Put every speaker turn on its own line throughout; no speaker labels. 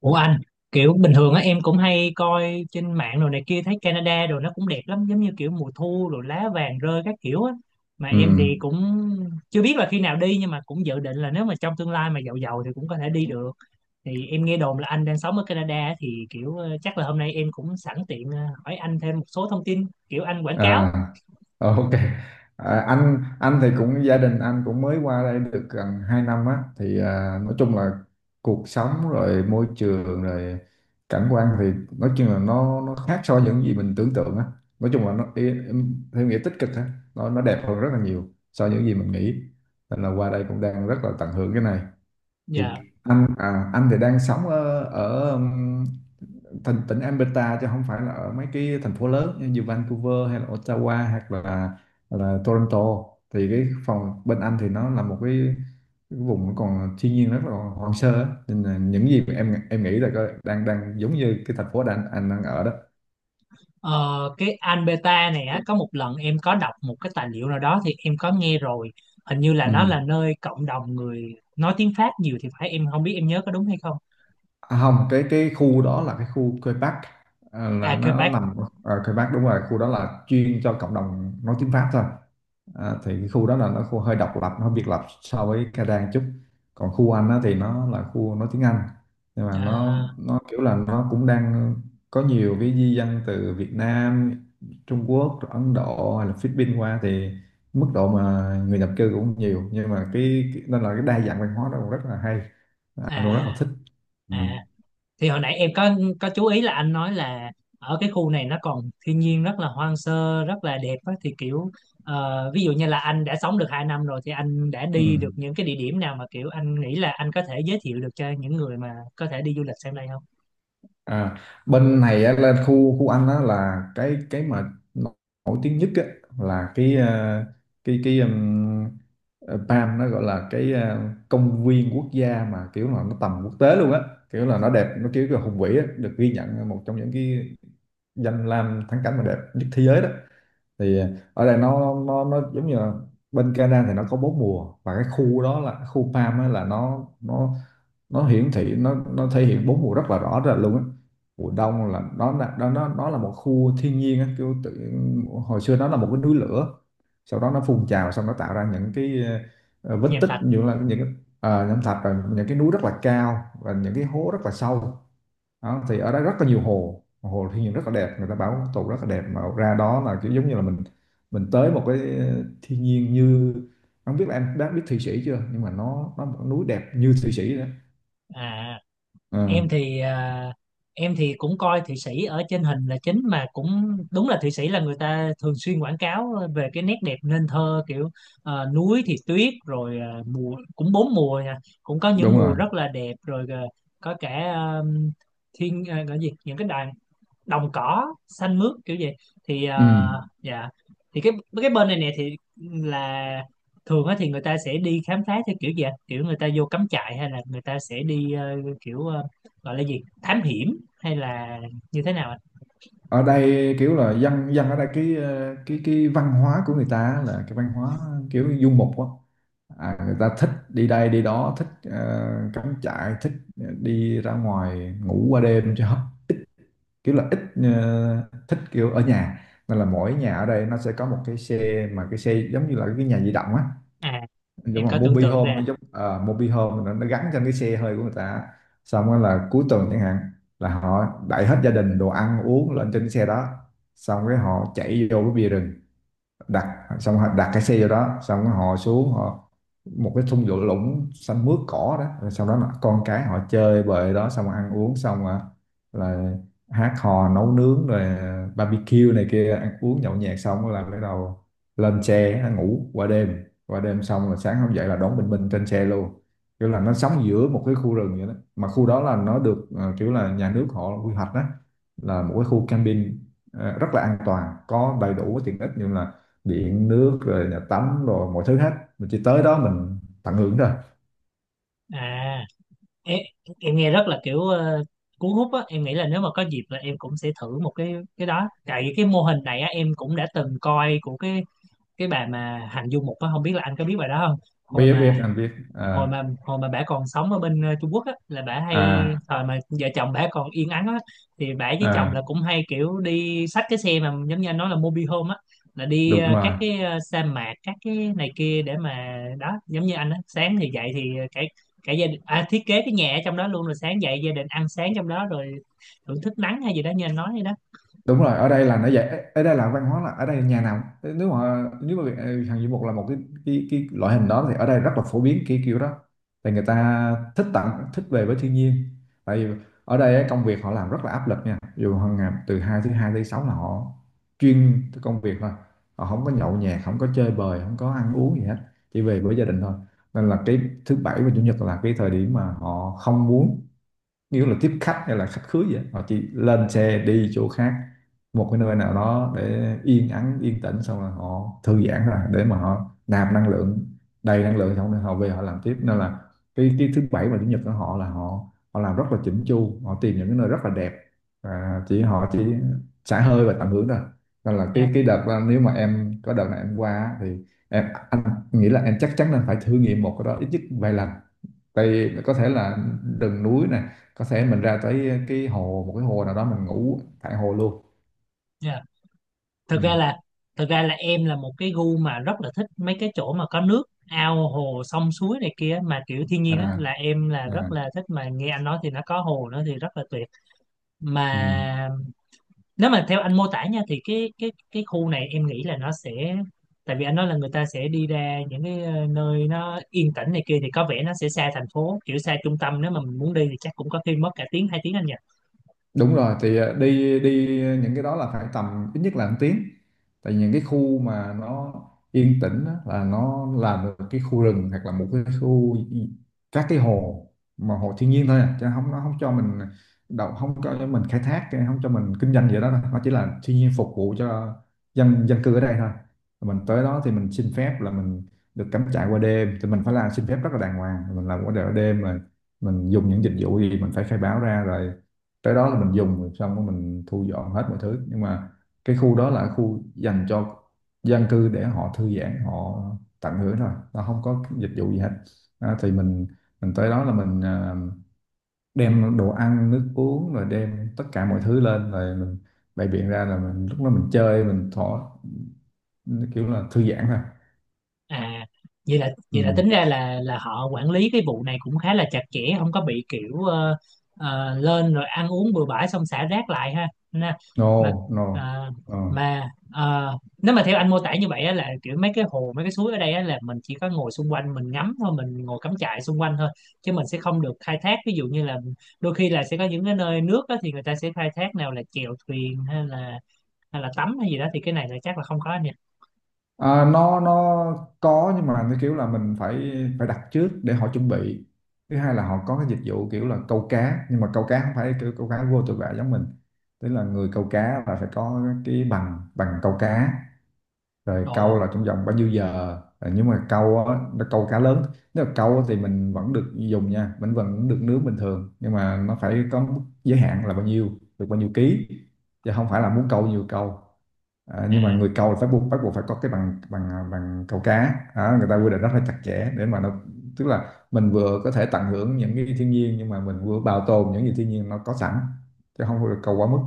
Ủa anh, kiểu bình thường á em cũng hay coi trên mạng đồ này kia, thấy Canada đồ nó cũng đẹp lắm, giống như kiểu mùa thu rồi lá vàng rơi các kiểu á, mà
Ừ.
em thì cũng chưa biết là khi nào đi, nhưng mà cũng dự định là nếu mà trong tương lai mà giàu giàu thì cũng có thể đi được. Thì em nghe đồn là anh đang sống ở Canada á, thì kiểu chắc là hôm nay em cũng sẵn tiện hỏi anh thêm một số thông tin, kiểu anh quảng cáo.
À, ok. À, anh thì cũng gia đình anh cũng mới qua đây được gần 2 năm á thì nói chung là cuộc sống rồi môi trường rồi cảnh quan thì nói chung là nó khác so với những gì mình tưởng tượng á. Nói chung là theo nghĩa tích cực á, nó đẹp hơn rất là nhiều so với những gì mình nghĩ. Nên là qua đây cũng đang rất là tận hưởng cái này. Thì
Dạ.
anh anh thì đang sống ở ở thành tỉnh Alberta chứ không phải là ở mấy cái thành phố lớn như Vancouver hay là Ottawa hoặc là Toronto, thì cái phòng bên anh thì nó là một cái vùng còn thiên nhiên rất là hoang sơ á. Nên là những gì mà em đang đang giống như cái thành phố đang anh đang ở đó.
Ờ, cái Anh Beta này á, có một lần em có đọc một cái tài liệu nào đó thì em có nghe rồi, hình như là
Ừ.
nó là nơi cộng đồng người nói tiếng Pháp nhiều thì phải, em không biết em nhớ có đúng hay không.
À, không, cái khu đó là cái khu Quebec Park, là
À,
nó
Quebec.
nằm ở Quebec Bắc, đúng rồi, khu đó là chuyên cho cộng đồng nói tiếng Pháp thôi. Thì cái khu đó là nó khu hơi độc lập, nó biệt lập so với Canada một chút. Còn khu Anh á, thì nó là khu nói tiếng Anh, nhưng mà nó
À,
nó kiểu là nó cũng đang có nhiều cái di dân từ Việt Nam, Trung Quốc rồi Ấn Độ hay là Philippines qua, thì mức độ mà người nhập cư cũng nhiều, nhưng mà nên là cái đa dạng văn hóa đó cũng rất là hay, anh cũng rất là
à
thích. Ừ.
à. Thì hồi nãy em có chú ý là anh nói là ở cái khu này nó còn thiên nhiên rất là hoang sơ rất là đẹp á, thì kiểu ví dụ như là anh đã sống được 2 năm rồi thì anh đã
Ừ.
đi được những cái địa điểm nào mà kiểu anh nghĩ là anh có thể giới thiệu được cho những người mà có thể đi du lịch sang đây không?
À, bên này á, lên khu khu anh á là cái mà nổi tiếng nhất á, là cái ờ, PAM, nó gọi là cái công viên quốc gia mà kiểu là nó tầm quốc tế luôn á, kiểu là nó đẹp, nó kiểu là hùng vĩ á, được ghi nhận một trong những cái danh lam thắng cảnh mà đẹp nhất thế giới đó. Thì ở đây nó nó giống như là bên Canada thì nó có bốn mùa, và cái khu đó là khu farm á, là nó nó hiển thị nó thể hiện bốn mùa rất là rõ rệt luôn á. Mùa đông là nó nó là một khu thiên nhiên á, hồi xưa nó là một cái núi lửa, sau đó nó phun trào xong nó tạo ra những cái ờ, vết
Nhàm
tích
Thạch.
như là những cái- ờ, nham thạch rồi những cái núi rất là cao và những cái hố rất là sâu. Đó, thì ở đó rất là nhiều hồ, hồ thiên nhiên rất là đẹp, người ta bảo tụ rất là đẹp, mà ra đó là kiểu giống như là mình tới một cái thiên nhiên như, không biết là em đã biết Thụy Sĩ chưa, nhưng mà nó một núi đẹp như Thụy Sĩ đó.
À,
Ờ,
em thì em thì cũng coi Thụy Sĩ ở trên hình là chính, mà cũng đúng là Thụy Sĩ là người ta thường xuyên quảng cáo về cái nét đẹp nên thơ, kiểu núi thì tuyết, rồi mùa cũng bốn mùa nha, cũng có những
đúng
mùa
rồi.
rất là đẹp, rồi có cả thiên gọi gì những cái đàn, đồng cỏ xanh mướt kiểu gì. Thì
Ừ.
dạ, thì cái bên này nè thì là, thường á thì người ta sẽ đi khám phá theo kiểu gì ạ? Kiểu người ta vô cắm trại hay là người ta sẽ đi kiểu gọi là gì, thám hiểm hay là như thế nào ạ?
Ở đây kiểu là dân dân ở đây cái ờ, cái văn hóa của người ta là cái văn hóa kiểu du mục á. Người ta thích đi đây đi đó, thích cắm trại, thích đi ra ngoài ngủ qua đêm chứ kiểu là ít thích kiểu ở nhà. Nên là mỗi nhà ở đây nó sẽ có một cái xe, mà cái xe giống như là cái nhà di động á,
À,
giống
em
là
có tưởng
mobile
tượng
home,
ra.
nó giống mobile home, nó gắn trên cái xe hơi của người ta. Xong rồi là cuối tuần chẳng hạn là họ đẩy hết gia đình, đồ ăn uống lên trên cái xe đó, xong cái họ chạy vô cái bìa rừng, đặt xong họ đặt cái xe vô đó, xong họ xuống họ một cái thung lũng lũng xanh mướt cỏ đó, rồi sau đó là con cái họ chơi bời đó, xong ăn uống xong là, là hát hò nấu nướng rồi barbecue này kia, ăn uống nhậu nhẹt xong là bắt đầu lên xe ngủ qua đêm, xong là sáng hôm dậy là đón bình minh trên xe luôn, kiểu là nó sống giữa một cái khu rừng vậy đó. Mà khu đó là nó được kiểu là nhà nước họ quy hoạch đó, là một cái khu camping rất là an toàn, có đầy đủ cái tiện ích như là điện nước rồi nhà tắm rồi mọi thứ hết, mình chỉ tới đó mình tận hưởng thôi.
À, em, em nghe rất là kiểu cuốn hút á, em nghĩ là nếu mà có dịp là em cũng sẽ thử một cái đó, tại vì cái mô hình này á em cũng đã từng coi của cái bà mà Hạnh Du Mục á, không biết là anh có biết bà đó không. hồi
biết
mà
biết anh biết. À
hồi mà hồi mà bả còn sống ở bên Trung Quốc á là bả hay,
à
thời mà vợ chồng bả còn yên ắng á, thì bả với chồng
à.
là cũng hay kiểu đi xách cái xe mà giống như anh nói là mobile home á, là đi
Đúng
các
rồi,
cái sa mạc các cái này kia, để mà đó giống như anh á, sáng thì dậy thì cả cả gia đình thiết kế cái nhà ở trong đó luôn, rồi sáng dậy gia đình ăn sáng trong đó, rồi thưởng thức nắng hay gì đó như anh nói vậy đó.
đúng rồi. Ở đây là nó dạy, ở đây là văn hóa là ở đây nhà nào cũng- nếu mà hàng du mục là một cái cái loại hình đó, thì ở đây rất là phổ biến cái kiểu đó. Thì người ta thích tặng, thích về với thiên nhiên, tại vì ở đây á, công việc họ làm rất là áp lực nha, dù hàng ngày từ thứ hai tới sáu là họ chuyên cái công việc thôi, họ không có nhậu nhẹt, không có chơi bời, không có ăn uống gì hết, chỉ về với gia đình thôi. Nên là cái thứ bảy và chủ nhật là cái thời điểm mà họ không muốn kiểu là tiếp khách hay là khách khứa vậy, họ chỉ lên xe đi chỗ khác, một cái nơi nào đó để yên ắng yên tĩnh, xong rồi họ thư giãn ra để mà họ nạp năng lượng, đầy năng lượng xong rồi họ về họ làm tiếp. Nên là cái thứ bảy và chủ nhật của họ là họ họ làm rất là chỉnh chu, họ tìm những cái nơi rất là đẹp, và chỉ xả hơi và tận hưởng thôi. Nên là
Dạ.
cái đợt đó, nếu mà em có đợt này em qua á, thì em anh nghĩ là em chắc chắn là phải thử nghiệm một cái đó ít nhất vài lần, tại vì có thể là rừng núi này, có thể mình ra tới cái hồ, một cái hồ nào đó mình ngủ tại hồ luôn.
Dạ.
Ừ.
Thực ra là thực ra là em là một cái gu mà rất là thích mấy cái chỗ mà có nước, ao hồ sông suối này kia mà kiểu thiên
À,
nhiên á là em là
à.
rất là thích, mà nghe anh nói thì nó có hồ nữa thì rất là tuyệt.
Ừ.
Mà nếu mà theo anh mô tả nha, thì cái khu này em nghĩ là nó sẽ, tại vì anh nói là người ta sẽ đi ra những cái nơi nó yên tĩnh này kia, thì có vẻ nó sẽ xa thành phố, kiểu xa trung tâm, nếu mà mình muốn đi thì chắc cũng có khi mất cả tiếng hai tiếng anh nhỉ.
Đúng rồi, thì ờ, đi đi những cái đó là phải tầm ít nhất là một tiếng, tại những cái khu mà nó yên tĩnh á, là nó là một cái khu rừng hoặc là một cái khu các cái hồ, mà hồ thiên nhiên thôi à. Chứ không, nó không cho mình đậu, không cho mình khai thác, không cho mình kinh doanh gì đó đâu, nó chỉ là thiên nhiên phục vụ cho dân dân cư ở đây thôi. Rồi mình tới đó thì mình xin phép là mình được cắm trại qua đêm, thì mình phải làm xin phép rất là đàng hoàng, mình làm qua đêm mà mình dùng những dịch vụ gì mình phải khai báo ra, rồi cái đó là mình dùng, rồi xong rồi mình thu dọn hết mọi thứ. Nhưng mà cái khu đó là khu dành cho dân cư để họ thư giãn, họ tận hưởng thôi, nó không có dịch vụ gì hết. Thì mình tới đó là mình đem đồ ăn nước uống rồi đem tất cả mọi thứ lên, rồi mình bày biện ra, là mình lúc đó mình chơi, mình thỏ kiểu là thư giãn thôi.
À,
Ừ.
vậy là tính ra là họ quản lý cái vụ này cũng khá là chặt chẽ, không có bị kiểu lên rồi ăn uống bừa bãi xong xả rác lại ha nè. Mà
No, no.
ờ,
Ờ.
mà nếu mà theo anh mô tả như vậy á, là kiểu mấy cái hồ mấy cái suối ở đây á, là mình chỉ có ngồi xung quanh mình ngắm thôi, mình ngồi cắm trại xung quanh thôi, chứ mình sẽ không được khai thác, ví dụ như là đôi khi là sẽ có những cái nơi nước á, thì người ta sẽ khai thác, nào là chèo thuyền hay là tắm hay gì đó, thì cái này là chắc là không có nha.
À, nó có, nhưng mà nó kiểu là mình phải phải đặt trước để họ chuẩn bị. Thứ hai là họ có cái dịch vụ kiểu là câu cá, nhưng mà câu cá không phải kiểu câu cá vô tội vạ giống mình, tức là người câu cá là phải có cái bằng bằng câu cá, rồi câu
Ồ.
là trong vòng bao nhiêu giờ. Rồi nhưng mà câu á, nó câu cá lớn, nếu mà câu á thì mình vẫn được dùng nha, mình vẫn được nướng bình thường, nhưng mà nó phải có mức giới hạn là bao nhiêu, được bao nhiêu ký, chứ không phải là muốn câu nhiều câu. À,
À,
nhưng mà người câu là phải buộc bắt buộc phải có cái bằng bằng à, bằng câu cá. Đó, người ta quy định rất là chặt chẽ để mà nó tức là mình vừa có thể tận hưởng những cái thiên nhiên, nhưng mà mình vừa bảo tồn những gì thiên nhiên nó có sẵn, chứ không được câu quá mức.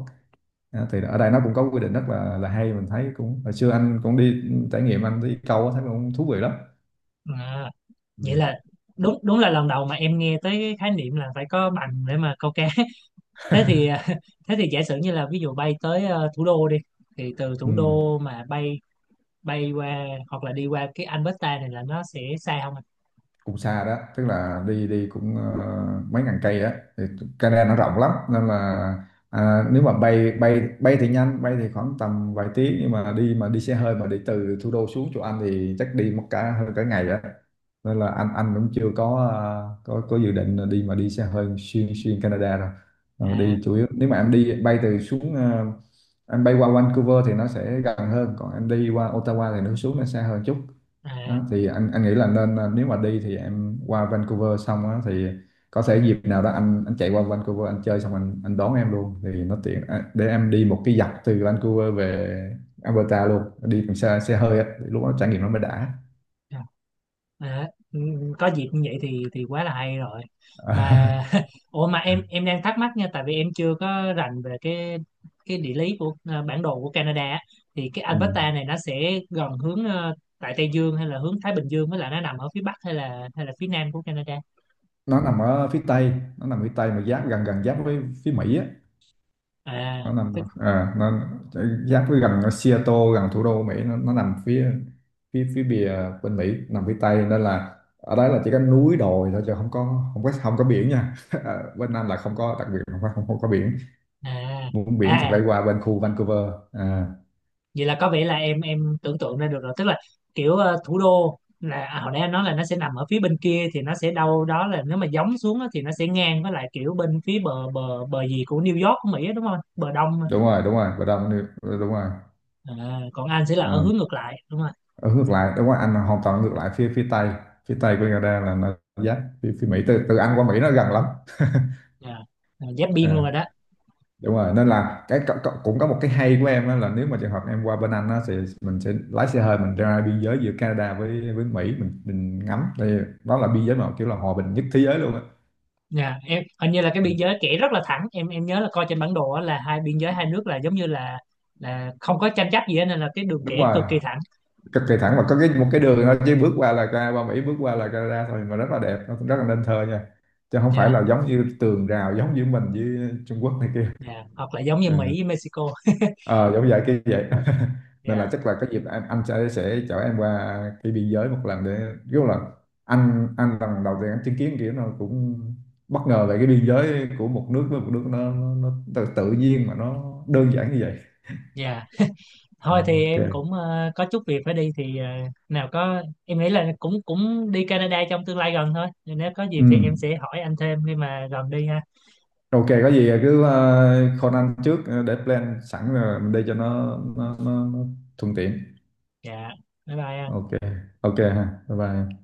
Đó, thì ở đây nó cũng có quy định rất là hay, mình thấy cũng, hồi xưa anh cũng đi trải nghiệm anh đi câu á, thấy cũng thú vị lắm.
à.
Ừ.
Vậy là đúng đúng là lần đầu mà em nghe tới cái khái niệm là phải có bằng để mà câu cá. Thế thì à, thế thì giả sử như là ví dụ bay tới thủ đô đi, thì từ thủ
Ừ.
đô mà bay bay qua hoặc là đi qua cái Alberta này là nó sẽ xa không anh.
Cũng xa đó, tức là đi đi cũng mấy ngàn cây đó, thì Canada nó rộng lắm, nên là à, nếu mà bay bay bay thì nhanh, bay thì khoảng tầm vài tiếng, nhưng mà đi xe hơi mà đi từ thủ đô xuống chỗ Anh thì chắc đi mất cả hơn cả ngày đó. Nên là anh cũng chưa có có dự định là đi xe hơi xuyên xuyên Canada rồi. Ờ,
À.
đi chủ yếu nếu mà em đi bay từ xuống em bay qua Vancouver thì nó sẽ gần hơn, còn em đi qua Ottawa thì nó xa hơn chút.
À
Đó, thì anh nghĩ là nên nếu mà đi thì em qua Vancouver xong á, thì có thể dịp nào đó anh chạy qua Vancouver, anh chơi xong anh đón em luôn thì nó tiện, để em đi một cái dọc từ Vancouver về Alberta luôn, đi bằng xe xe hơi á, thì lúc đó trải nghiệm nó mới đã.
à. À, ừ, ừ, có dịp như vậy thì quá là hay rồi. Mà ủa mà em đang thắc mắc nha, tại vì em chưa có rành về cái địa lý của bản đồ của Canada á. Thì cái
Ừ.
Alberta này nó sẽ gần hướng tại Tây Dương hay là hướng Thái Bình Dương, với lại nó nằm ở phía Bắc hay là phía Nam của Canada.
Nó nằm ở phía tây, nó nằm phía tây mà giáp gần gần giáp với phía Mỹ á,
À
nó nằm
tức.
à, nó giáp với gần ở Seattle, gần thủ đô Mỹ, nó nằm phía phía phía bìa bên Mỹ, nằm phía Tây. Nên là ở đấy là chỉ có núi đồi thôi, chứ không có không có biển nha. À, bên Nam là không có, đặc biệt là không có biển.
À.
Muốn biển thì
À,
phải qua bên khu Vancouver. À,
vậy là có vẻ là em tưởng tượng ra được rồi, tức là kiểu thủ đô là à, hồi nãy anh nói là nó sẽ nằm ở phía bên kia, thì nó sẽ đâu đó là nếu mà gióng xuống á, thì nó sẽ ngang với lại kiểu bên phía bờ bờ bờ gì của New York của Mỹ á, đúng không, bờ đông á.
đúng rồi, đúng rồi, bên đông đúng rồi.
À, còn anh sẽ là ở
À,
hướng ngược lại đúng không.
ở ngược lại, đúng rồi, Anh là hoàn toàn ngược lại, phía phía Tây. Phía Tây của Canada là nó giáp phía Mỹ, từ từ Anh qua Mỹ nó gần lắm.
Dạ. À, giáp biên luôn
À,
rồi đó.
đúng rồi, nên là cũng có một cái hay của em á, là nếu mà trường hợp em qua bên Anh á, thì mình sẽ lái xe hơi mình ra biên giới giữa Canada với Mỹ, mình ngắm, thì đó là biên giới mà kiểu là hòa bình nhất thế giới luôn á.
Dạ, em hình như là cái
Ừ.
biên giới kẻ rất là thẳng, em nhớ là coi trên bản đồ á, là hai biên giới hai nước là giống như là không có tranh chấp gì hết, nên là cái đường
Đúng
kẻ
rồi,
cực kỳ thẳng.
cực kỳ thẳng, và có một cái đường thôi, chứ bước qua là ra qua Mỹ, bước qua là Canada thôi, mà rất là đẹp, nó rất là nên thơ nha, chứ không phải
Dạ,
là giống như tường rào giống như mình với Trung Quốc này kia.
dạ, hoặc là giống như
Ờ.
Mỹ với Mexico.
Ờ giống vậy, cái vậy nên là
Dạ,
chắc là cái dịp anh sẽ chở em qua cái biên giới một lần để kiểu là anh lần đầu tiên anh chứng kiến kiểu nó cũng bất ngờ về cái biên giới của một nước với một nước, nó tự nhiên mà nó đơn giản như vậy.
dạ, thôi
Ờ,
thì
ok.
em cũng có chút việc phải đi, thì nào có em nghĩ là cũng cũng đi Canada trong tương lai gần thôi, nên nếu có dịp
Ừ.
thì em sẽ hỏi anh thêm khi mà gần đi ha.
Ok, có gì cứ call anh trước để plan sẵn rồi mình đi cho nó thuận tiện.
Dạ, bye bye anh.
Ok. Ok ha, bye bye.